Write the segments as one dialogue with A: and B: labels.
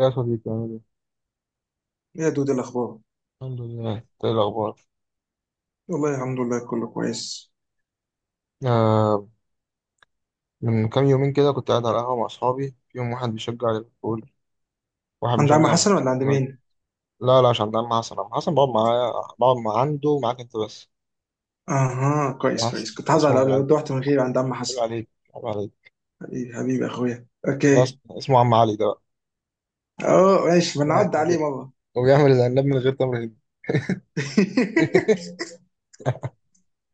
A: يا صديقي عامل ايه؟
B: ايه يا دود، إيه الاخبار؟
A: الحمد لله، إنت ايه الأخبار؟
B: والله الحمد لله، كله كويس.
A: آه. من كام يومين كده كنت قاعد على القهوة مع أصحابي، فيهم واحد بيشجع ليفربول، واحد
B: عند عم
A: بيشجع
B: حسن
A: مانشستر
B: ولا عند
A: يونايتد.
B: مين؟
A: لا لا، عشان ده مع حسن، أنا حسن بقعد معايا، بقعد مع عنده ومعاك أنت بس.
B: اها، كويس كويس،
A: بس
B: كنت هزعل
A: اسمه
B: لو
A: أبو علي.
B: لو رحت من غير عند عم
A: عيب
B: حسن.
A: عليك، عيب عليك.
B: حبيبي حبيبي اخويا،
A: ده
B: اوكي.
A: اسمه عم علي ده.
B: اه ماشي، ما
A: بقى
B: نعدي عليه مره.
A: وبيعمل العناب من غير تمر هندي.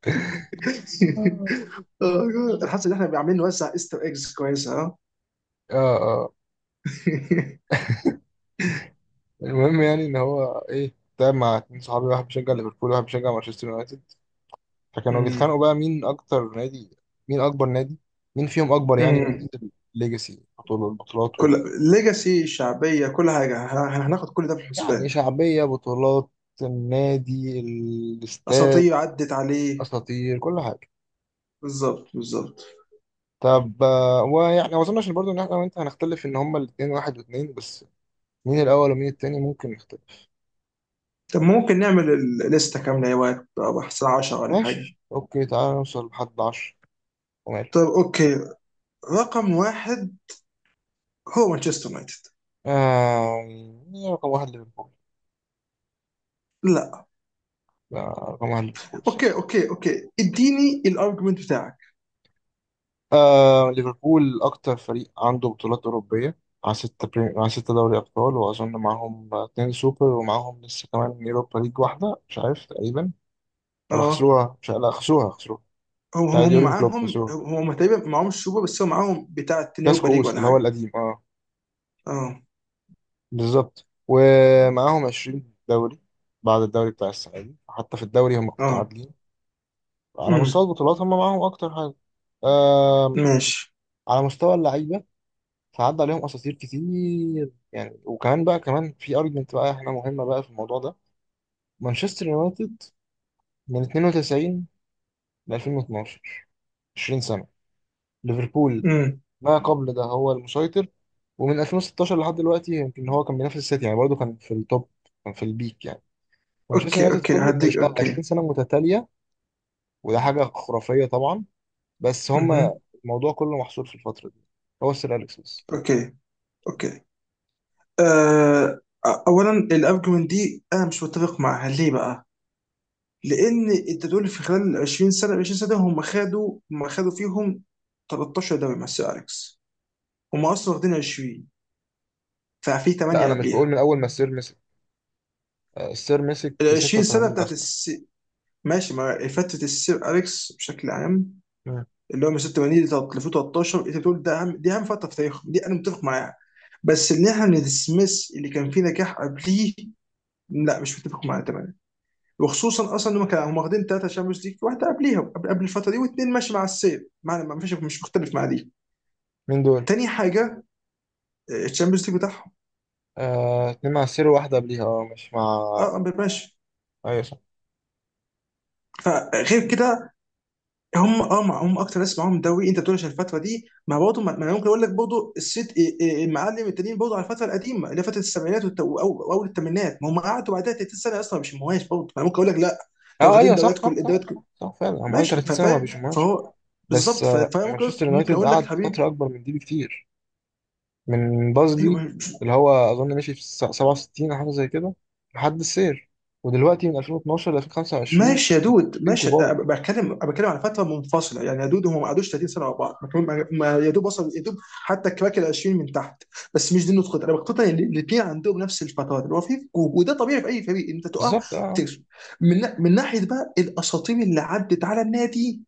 A: اه.
B: آه، الحاسه ان احنا عاملين نوزع ايستر ايجز كويسه، اه.
A: اه. المهم يعني إن هو إيه تعب مع اتنين صحابي، واحد بيشجع ليفربول وواحد بيشجع مانشستر يونايتد، فكانوا
B: أمم،
A: بيتخانقوا بقى مين اكتر نادي، مين اكبر نادي، مين فيهم اكبر، يعني من
B: أمم.
A: حيث الليجاسي، بطولة البطولات
B: كل ليجاسي، شعبيه، كل حاجه، هناخد كل ده في
A: يعني
B: الحسبان.
A: شعبية، بطولات، النادي، الاستاد،
B: اساطير عدت عليه.
A: اساطير، كل حاجة.
B: بالظبط بالظبط.
A: طب آه، ويعني ما اظنش برضه ان احنا وانت هنختلف ان هما الاثنين واحد واثنين بس، مين الاول ومين التاني ممكن نختلف.
B: طب ممكن نعمل الليستة كاملة يا وقت، بقى الساعة 10:00 ولا حاجة؟
A: ماشي، اوكي، تعالى نوصل لحد 10. وماله.
B: طب اوكي، رقم واحد هو مانشستر يونايتد.
A: آه... مين رقم واحد، ليفربول؟
B: لا.
A: آه، رقم واحد ليفربول.
B: اوكي اوكي اوكي، اديني الارجيومنت بتاعك.
A: ليفربول أكتر فريق عنده بطولات أوروبية، مع ستة دوري أبطال، وأظن معاهم اتنين سوبر، ومعاهم لسه كمان يوروبا ليج واحدة مش عارف تقريبا، ولا
B: اه.
A: خسروها مش عارف. لا، خسروها خسروها.
B: هم
A: بتاع
B: هم هم
A: يورجن كلوب
B: معاهم،
A: خسروها،
B: هم تقريبا معاهم السوبر، بس هم معاهم بتاع التاني يوروبا
A: كلاسيكو
B: ليج
A: أوست
B: ولا
A: اللي هو
B: حاجة.
A: القديم، اه.
B: اه.
A: بالظبط، ومعاهم 20 دوري، بعد الدوري بتاع السنة دي، حتى في الدوري هم
B: اه.
A: متعادلين. على مستوى
B: امم.
A: البطولات هم معاهم أكتر حاجة. آم،
B: ماشي.
A: على مستوى اللعيبة، فعدى عليهم اساطير كتير يعني. وكمان بقى، كمان في ارجمنت بقى احنا مهمه بقى في الموضوع ده. مانشستر يونايتد من 92 ل 2012، 20 سنه. ليفربول
B: امم.
A: ما قبل ده هو المسيطر، ومن 2016 لحد دلوقتي يمكن هو كان بينافس السيتي، يعني برضه كان في التوب، كان في البيك يعني. مانشستر
B: اوكي
A: يونايتد
B: اوكي،
A: كله
B: هديك اوكي.
A: 20 سنه متتاليه، وده حاجه خرافيه طبعا. بس هما
B: امم.
A: الموضوع كله محصور في الفتره دي، هو السير اليكس بس.
B: اوكي اوكي. آه، اولا الارجيومنت دي انا مش متفق معها، ليه بقى؟ لان انت تقول في خلال 20 سنه، هم خدوا فيهم 13 دوري مع السير اليكس. هم اصلا واخدين 20، ففي 8
A: لا، انا مش بقول
B: قبليها.
A: من اول ما السير مسك. آه، السير مسك في
B: ال 20 سنه
A: 86 اصلا.
B: ماشي مع فتره السير اليكس بشكل عام، اللي هو من 86 ل 2013. انت بتقول ده اهم، دي فتره في تاريخهم، دي انا متفق معاها. بس ان احنا ندسمس اللي كان فيه نجاح قبليه، لا مش متفق معاه تماما. وخصوصا اصلا ان هم كانوا واخدين ثلاثه شامبيونز ليج، واحده قبليها قبل الفتره دي، واثنين ماشي مع السير. معنى ما فيش مش مختلف مع دي.
A: مين دول؟
B: تاني حاجه، آه، الشامبيونز ليج بتاعهم.
A: آه، اتنين مع السير وواحدة قبليها، اه مش مع.
B: اه آه، ماشي.
A: ايوه صح.
B: فغير كده، هم اكتر ناس معاهم دوري. انت بتقول عشان الفتره دي، ما برضه ما ما انا ممكن اقول لك برضه الست إيه المعلم التانيين برضه على الفتره القديمه اللي هي فتره السبعينات واول الثمانينات. ما هم قعدوا بعدها 30 سنه اصلا مش مهواش، برضه انا ممكن اقول لك لا. لو
A: اه
B: واخدين
A: ايوه، صح
B: دوريات،
A: صح
B: كل
A: صح
B: الدوريات، كل
A: صح، صح فعلا، هم قالوا
B: ماشي،
A: 30 سنة ما
B: فاهم
A: بيشموهاش.
B: فهو.
A: بس
B: بالظبط،
A: آه،
B: فانا ممكن
A: مانشستر
B: ممكن
A: يونايتد
B: اقول لك
A: قعد
B: حبيب.
A: فترة أكبر من دي بكتير، من بازلي
B: ايوه.
A: اللي هو أظن مشي في 67 أو حاجة زي كده لحد السير. ودلوقتي من 2012 ل 2025،
B: ماشي يا دود
A: اتنين
B: ماشي.
A: كبار
B: بتكلم على فتره منفصله يعني يا دود، هم ما قعدوش 30 سنه ورا بعض، ما كانوا- ما- ما- يا دوب وصل يا دوب. حتى كراك ال 20 من تحت. بس مش دي النقطه، انا بقتنع ان الاثنين عندهم نفس الفترات، اللي هو في فجوه. وده طبيعي في اي فريق، انت تقع،
A: بالظبط. اه
B: بتكسب. من من ناحيه بقى الاساطير اللي عدت على النادي،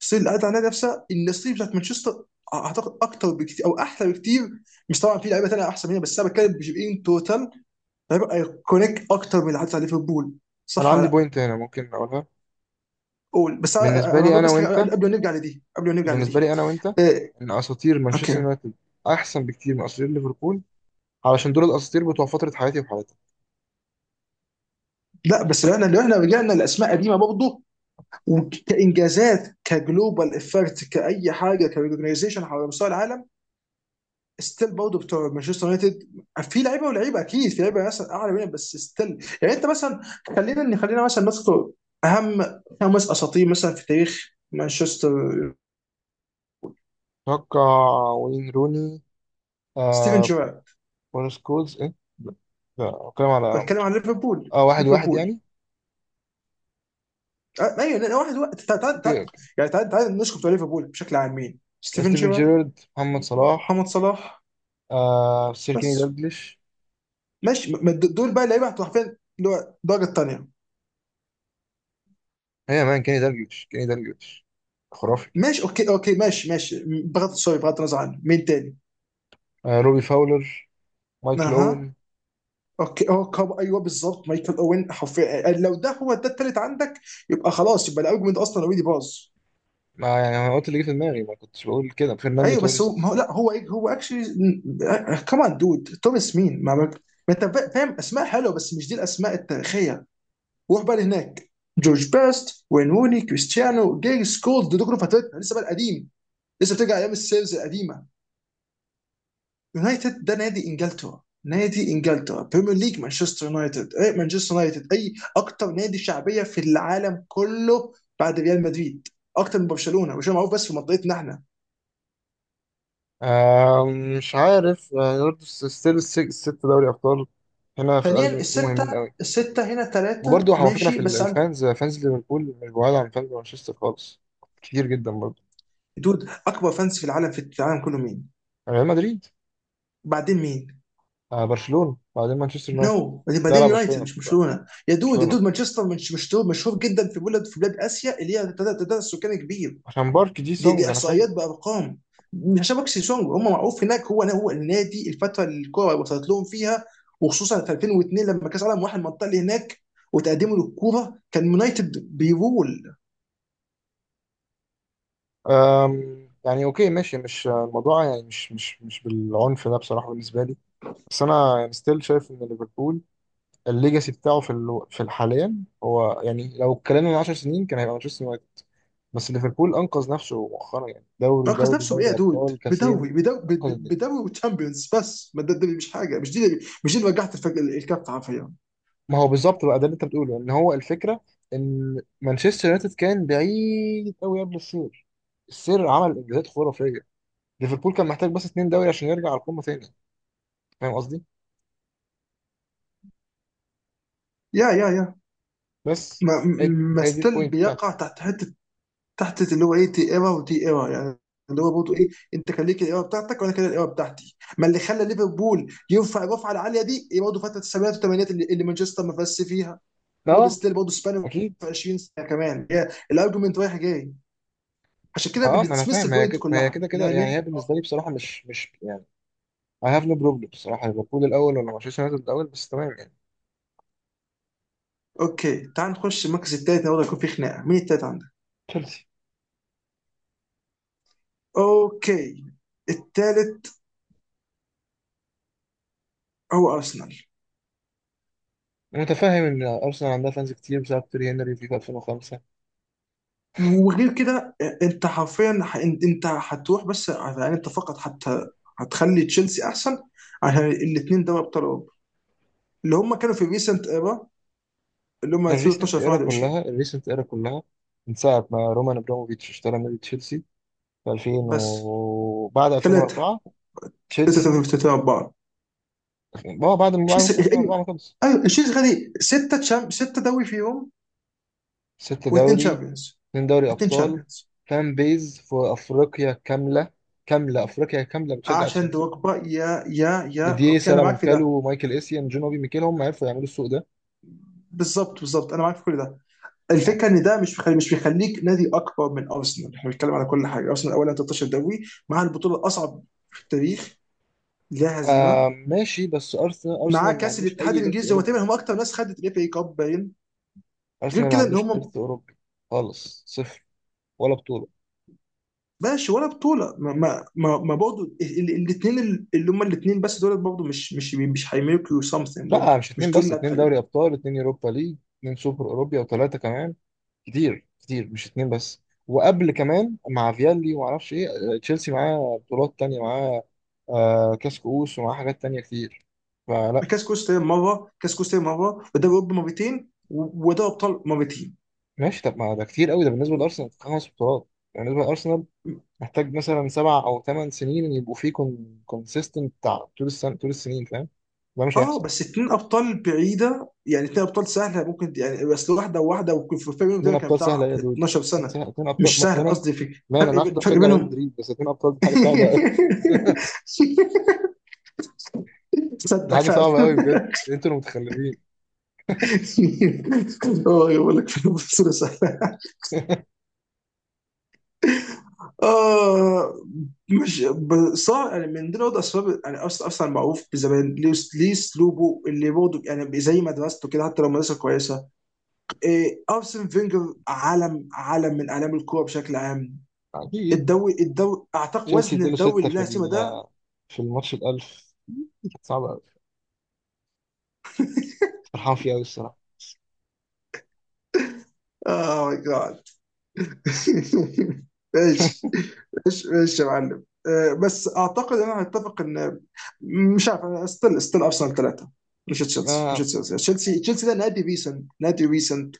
B: الاساطير اللي عدت على النادي نفسها، إن الاساطير بتاعت مانشستر، اعتقد اكتر بكتير او احلى بكتير. مش طبعا في لعيبه ثانيه احسن منها، بس انا بتكلم بجيب ان توتال لعيبه ايكونيك اكتر من اللي عدت على ليفربول،
A: أنا
B: صح
A: عندي
B: ولا؟
A: بوينت هنا ممكن أقولها،
B: قول، بس انا
A: بالنسبة
B: أنا
A: لي
B: هقول
A: أنا
B: بس حاجه، قبل
A: وأنت،
B: قبل ما نرجع لدي، قبل ما نرجع
A: بالنسبة
B: لدي.
A: لي أنا وأنت،
B: إيه.
A: إن أساطير مانشستر
B: اوكي.
A: يونايتد أحسن بكتير من أساطير ليفربول، علشان دول الأساطير بتوع فترة حياتي وحياتي.
B: لا، بس لو احنا رجعنا لاسماء قديمه برضه، وكانجازات، كجلوبال افكت، كاي حاجه، كريجنايزيشن على مستوى العالم، ستيل برضه بتوع مانشستر يونايتد. في لعيبه ولعيبه اكيد، في لعيبه مثلا اعلى منهم، بس ستيل يعني انت مثلا، خلينا مثلا نذكر اهم خمس اساطير مثلا في تاريخ مانشستر.
A: اتوقع. وين روني؟
B: ستيفن
A: آه.
B: جيرارد،
A: بون سكولز ايه؟ لا. لا، بتكلم على
B: بتكلم عن ليفربول
A: اه، واحد واحد
B: ليفربول.
A: يعني.
B: آه، ايوه، لان واحد واحد
A: اوكي اوكي.
B: يعني تعال تعال نشكر بتوع ليفربول بشكل عام، مين؟ ستيفن
A: ستيفن
B: شيرر،
A: جيرارد، محمد صلاح،
B: محمد صلاح،
A: آه سير كيني
B: بس.
A: دالجليش.
B: ماشي، دول بقى اللعيبه هتبقى حرفيا اللي هو الدرجه الثانيه.
A: هي مان كيني دالجليش، كيني دالجليش، خرافي.
B: ماشي اوكي اوكي ماشي ماشي، بغض النظر عنه، مين تاني؟
A: آه، روبي فاولر، مايكل
B: اها.
A: اوين.
B: اوكي، اه كاب، ايوه بالظبط، مايكل اوين حرفيا، آه، لو ده هو ده التالت عندك، يبقى خلاص، يبقى الارجيومنت اصلا اوريدي باظ.
A: ما يعني انا قلت اللي جه في دماغي، ما كنتش بقول كده، فرناندو
B: ايوه بس هو ما
A: توريس.
B: هو لا هو هو اكشلي، كمان دود توماس، مين ما ما. ما انت فاهم اسماء حلوه بس مش دي الاسماء التاريخيه. روح بقى لهناك، جورج بيست، وين روني، كريستيانو، جيرس كولد، دول كلهم فترتنا لسه، بقى القديم لسه بترجع ايام السيلز القديمه. يونايتد ده نادي انجلترا، نادي انجلترا بريمير ليج، مانشستر يونايتد اي، مانشستر يونايتد اي اكتر نادي شعبيه في العالم كله بعد ريال مدريد. اكتر من برشلونه، برشلونه معروف بس في منطقتنا احنا.
A: آه مش عارف، برضه ستيل الست دوري ابطال هنا في
B: ثانيا،
A: الارجيومنت دي
B: السته،
A: مهمين قوي.
B: السته هنا ثلاثه
A: وبرضه على فكرة، في
B: ماشي
A: ال-
B: بس عندك.
A: الفانز فانز ليفربول مش بعاد عن فانز مانشستر خالص، كتير جدا برضه.
B: دود، اكبر فانس في العالم، في العالم كله، مين؟
A: ريال مدريد،
B: بعدين مين؟
A: آه برشلونة، بعدين مانشستر يونايتد.
B: نو no.
A: لا لا،
B: بعدين يونايتد
A: برشلونة،
B: مش
A: برشلونة.
B: برشلونه، يا دود يا
A: برشلونة
B: دود، مانشستر مش مشهور مشهور جدا في بلاد اسيا، اللي هي تعداد السكان كبير.
A: عشان بارك جي
B: دي
A: سونج،
B: دي
A: أنا فاهم.
B: احصائيات بارقام، مش عشان بكسي سونج هم معروف هناك. هو النادي الفتره اللي الكوره وصلت لهم فيها، وخصوصا في 2002 لما كاس العالم واحد المنطقه اللي هناك، وتقدمه للكوره كان يونايتد بيرول.
A: يعني أوكي ماشي، مش الموضوع يعني، مش بالعنف ده بصراحة بالنسبة لي. بس أنا يعني ستيل شايف إن ليفربول الليجاسي بتاعه في في الحاليا. هو يعني لو اتكلمنا من 10 سنين كان هيبقى مانشستر يونايتد، بس ليفربول أنقذ نفسه مؤخرا، يعني دوري
B: ركز
A: دوري
B: نفسه بايه يا
A: دوري
B: دود؟
A: أبطال كاسين. انقذ.
B: بدوري وتشامبيونز، بس ما ده مش حاجه، مش دي اللي وجعت الكف حرفيا.
A: ما هو بالظبط بقى، ده اللي انت بتقوله، ان هو الفكره ان مانشستر يونايتد كان بعيد قوي قبل السير، السير عمل انجازات خرافيه. ليفربول كان محتاج بس اتنين دوري عشان يرجع على القمه تاني، فاهم قصدي؟
B: يا،
A: بس
B: ما
A: هي،
B: ما
A: هي دي
B: ستيل
A: البوينت بتاعتي.
B: بيقع تحت حته، تحت اللي هو ايه، دي ايرا ودي ايرا يعني، اللي هو برضه ايه، انت كان ليك الايرا بتاعتك وانا كان الايرا بتاعتي. ما اللي خلى ليفربول يرفع الرفعه العاليه دي إيه؟ برضه فتره السبعينات والثمانينات اللي مانشستر ما فازش فيها، برضه
A: اه
B: ستيل برضه سبان
A: اكيد.
B: في 20 سنه كمان. هي الارجيومنت رايح جاي، عشان كده
A: اه ما انا
B: بنسمس
A: فاهم، ما هي
B: البوينت
A: كده ما هي
B: كلها،
A: كده كده
B: انما ليه؟
A: يعني. هي بالنسبه لي بصراحه مش يعني، I have no problem بصراحه، ليفربول الاول ولا مانشستر يونايتد الاول، بس تمام يعني.
B: اوكي تعال نخش المركز الثالث، برضه يكون في خناقه. مين الثالث عندك؟
A: تشيلسي.
B: اوكي، الثالث هو ارسنال.
A: أنا متفاهم ان ارسنال عندها فانز كتير بسبب تيري هنري في 2005.
B: وغير كده آه، انت حرفيا، انت هتروح، بس يعني انت فقط حتى هتخلي تشيلسي احسن، عشان الاثنين دوري ابطال اوروبا اللي هم كانوا في ريسنت ايرا، اللي هم 2012
A: الريسنت ايرا
B: 2021.
A: كلها، الريسنت ايرا كلها، من ساعه ما رومان ابراموفيتش اشترى نادي تشيلسي في 2000،
B: بس،
A: وبعد
B: ثلاثه
A: 2004. تشيلسي
B: ثلاثه اربعه
A: اه، بعد ما بعد موسم
B: تشيلسي
A: 2004
B: ايوه،
A: ما خلص.
B: ايوه، تشيلسي خدي سته سته دوري فيهم،
A: ست
B: واثنين
A: دوري،
B: تشامبيونز.
A: اتنين دوري
B: واثنين
A: ابطال.
B: تشامبيونز
A: فان بيز في افريقيا كامله، كامله افريقيا كامله بتشجع
B: عشان
A: تشيلسي.
B: دوكبا. يا،
A: ديديه
B: اوكي، انا معاك في
A: سالامونكالو
B: ده.
A: ومايكل اسيان جون اوبي ميكيل هم عرفوا يعملوا السوق ده.
B: بالظبط بالظبط، انا معاك في كل ده.
A: ف...
B: الفكره ان ده مش بيخليك نادي اكبر من ارسنال، احنا بنتكلم على كل حاجه. ارسنال اولا 13 دوري مع البطوله الاصعب في التاريخ، لا
A: آه
B: هزيمه،
A: ماشي، بس ارسنال
B: مع
A: ارسنال ما
B: كاس
A: عندوش
B: الاتحاد
A: اي ارث
B: الانجليزي، هو تقريبا
A: اوروبي،
B: هم اكتر ناس خدت الاف اي كاب باين. غير
A: ارسنال ما
B: كده ان
A: عندوش
B: هم،
A: ارث اوروبي خالص، صفر، ولا بطوله.
B: ماشي ولا بطوله. ما برضه الاثنين اللي هم الاثنين بس، دول برضه مش هيميلكوا سمثينج،
A: لا
B: برضه
A: مش
B: مش
A: اتنين
B: دول
A: بس،
B: اللي
A: اتنين
B: هتخليك.
A: دوري ابطال، اتنين يوروبا ليج، اتنين سوبر اوروبا، وثلاثه كمان، كتير كتير، مش اتنين بس. وقبل كمان مع فيالي وما اعرفش ايه، تشيلسي معاه بطولات تانية، معاه آه كاس كؤوس، ومعاه حاجات تانية كتير، فلا.
B: كاس كوستا مره، ودوري اوروبا مرتين، ودوري ابطال مرتين.
A: ماشي طب، ما ده كتير قوي ده بالنسبه لارسنال خمس بطولات يعني، بالنسبه لارسنال محتاج مثلا سبع او ثمان سنين إن يبقوا فيه كونسيستنت بتاع طول السنه، طول السنين، فاهم؟ ده مش
B: اه،
A: هيحصل.
B: بس اتنين ابطال بعيده يعني، اتنين ابطال سهله ممكن يعني، بس واحده وواحده، ويكون في فرق بينهم
A: اتنين
B: تقريبا كان
A: ابطال
B: بتاع
A: سهله يا دود،
B: 12 سنه.
A: اتنين ابطال
B: مش
A: ما
B: سهل
A: انا،
B: قصدي في
A: ما انا
B: فرق
A: أنا عارف إنت
B: فرق
A: بتشجع ريال
B: بينهم.
A: مدريد، بس اتنين ابطال دي حاجه صعبه، دي
B: تصدق
A: حاجة
B: فعلا.
A: صعبة قوي بجد. انتوا المتخلفين.
B: اه، يقول لك في بصوره سهله. اه. مش صار يعني من دي برضه اسباب، يعني اصلا معروف بزمان ليه، اسلوبه اللي برضه يعني زي مدرسته كده، حتى لو مدرسه كويسه. إيه، ارسن فينجر عالم، عالم من اعلام الكوره بشكل عام.
A: اكيد.
B: الدوري اعتقد
A: تشيلسي
B: وزن
A: اداله
B: الدوري
A: ستة
B: اللي
A: في
B: بلا سيما ده.
A: في الماتش الألف، صعبة قوي، فرحان فيه قوي الصراحة.
B: اه ماي جاد. ايش، ايش ايش، يا معلم، آه، بس اعتقد انا هتفق ان، مش عارف، انا ستيل ارسنال ثلاثه مش تشيلسي.
A: آه.
B: تشيلسي ده نادي ريسنت،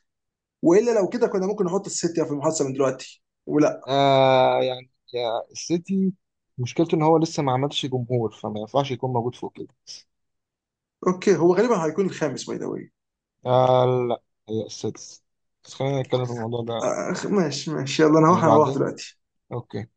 B: والا لو كده كنا ممكن نحط السيتي في المحادثه من دلوقتي ولا.
A: آه يعني يا السيتي، مشكلته ان هو لسه ما عملش جمهور، فما ينفعش يكون موجود فوق كده.
B: اوكي هو غالبا هيكون الخامس باي ذا واي.
A: آه لا. هي السادس. بس خلينا نتكلم في الموضوع ده،
B: آه، ماشي ماشي، يلا انا
A: يعني
B: هروح،
A: بعدين.
B: دلوقتي.
A: اوكي.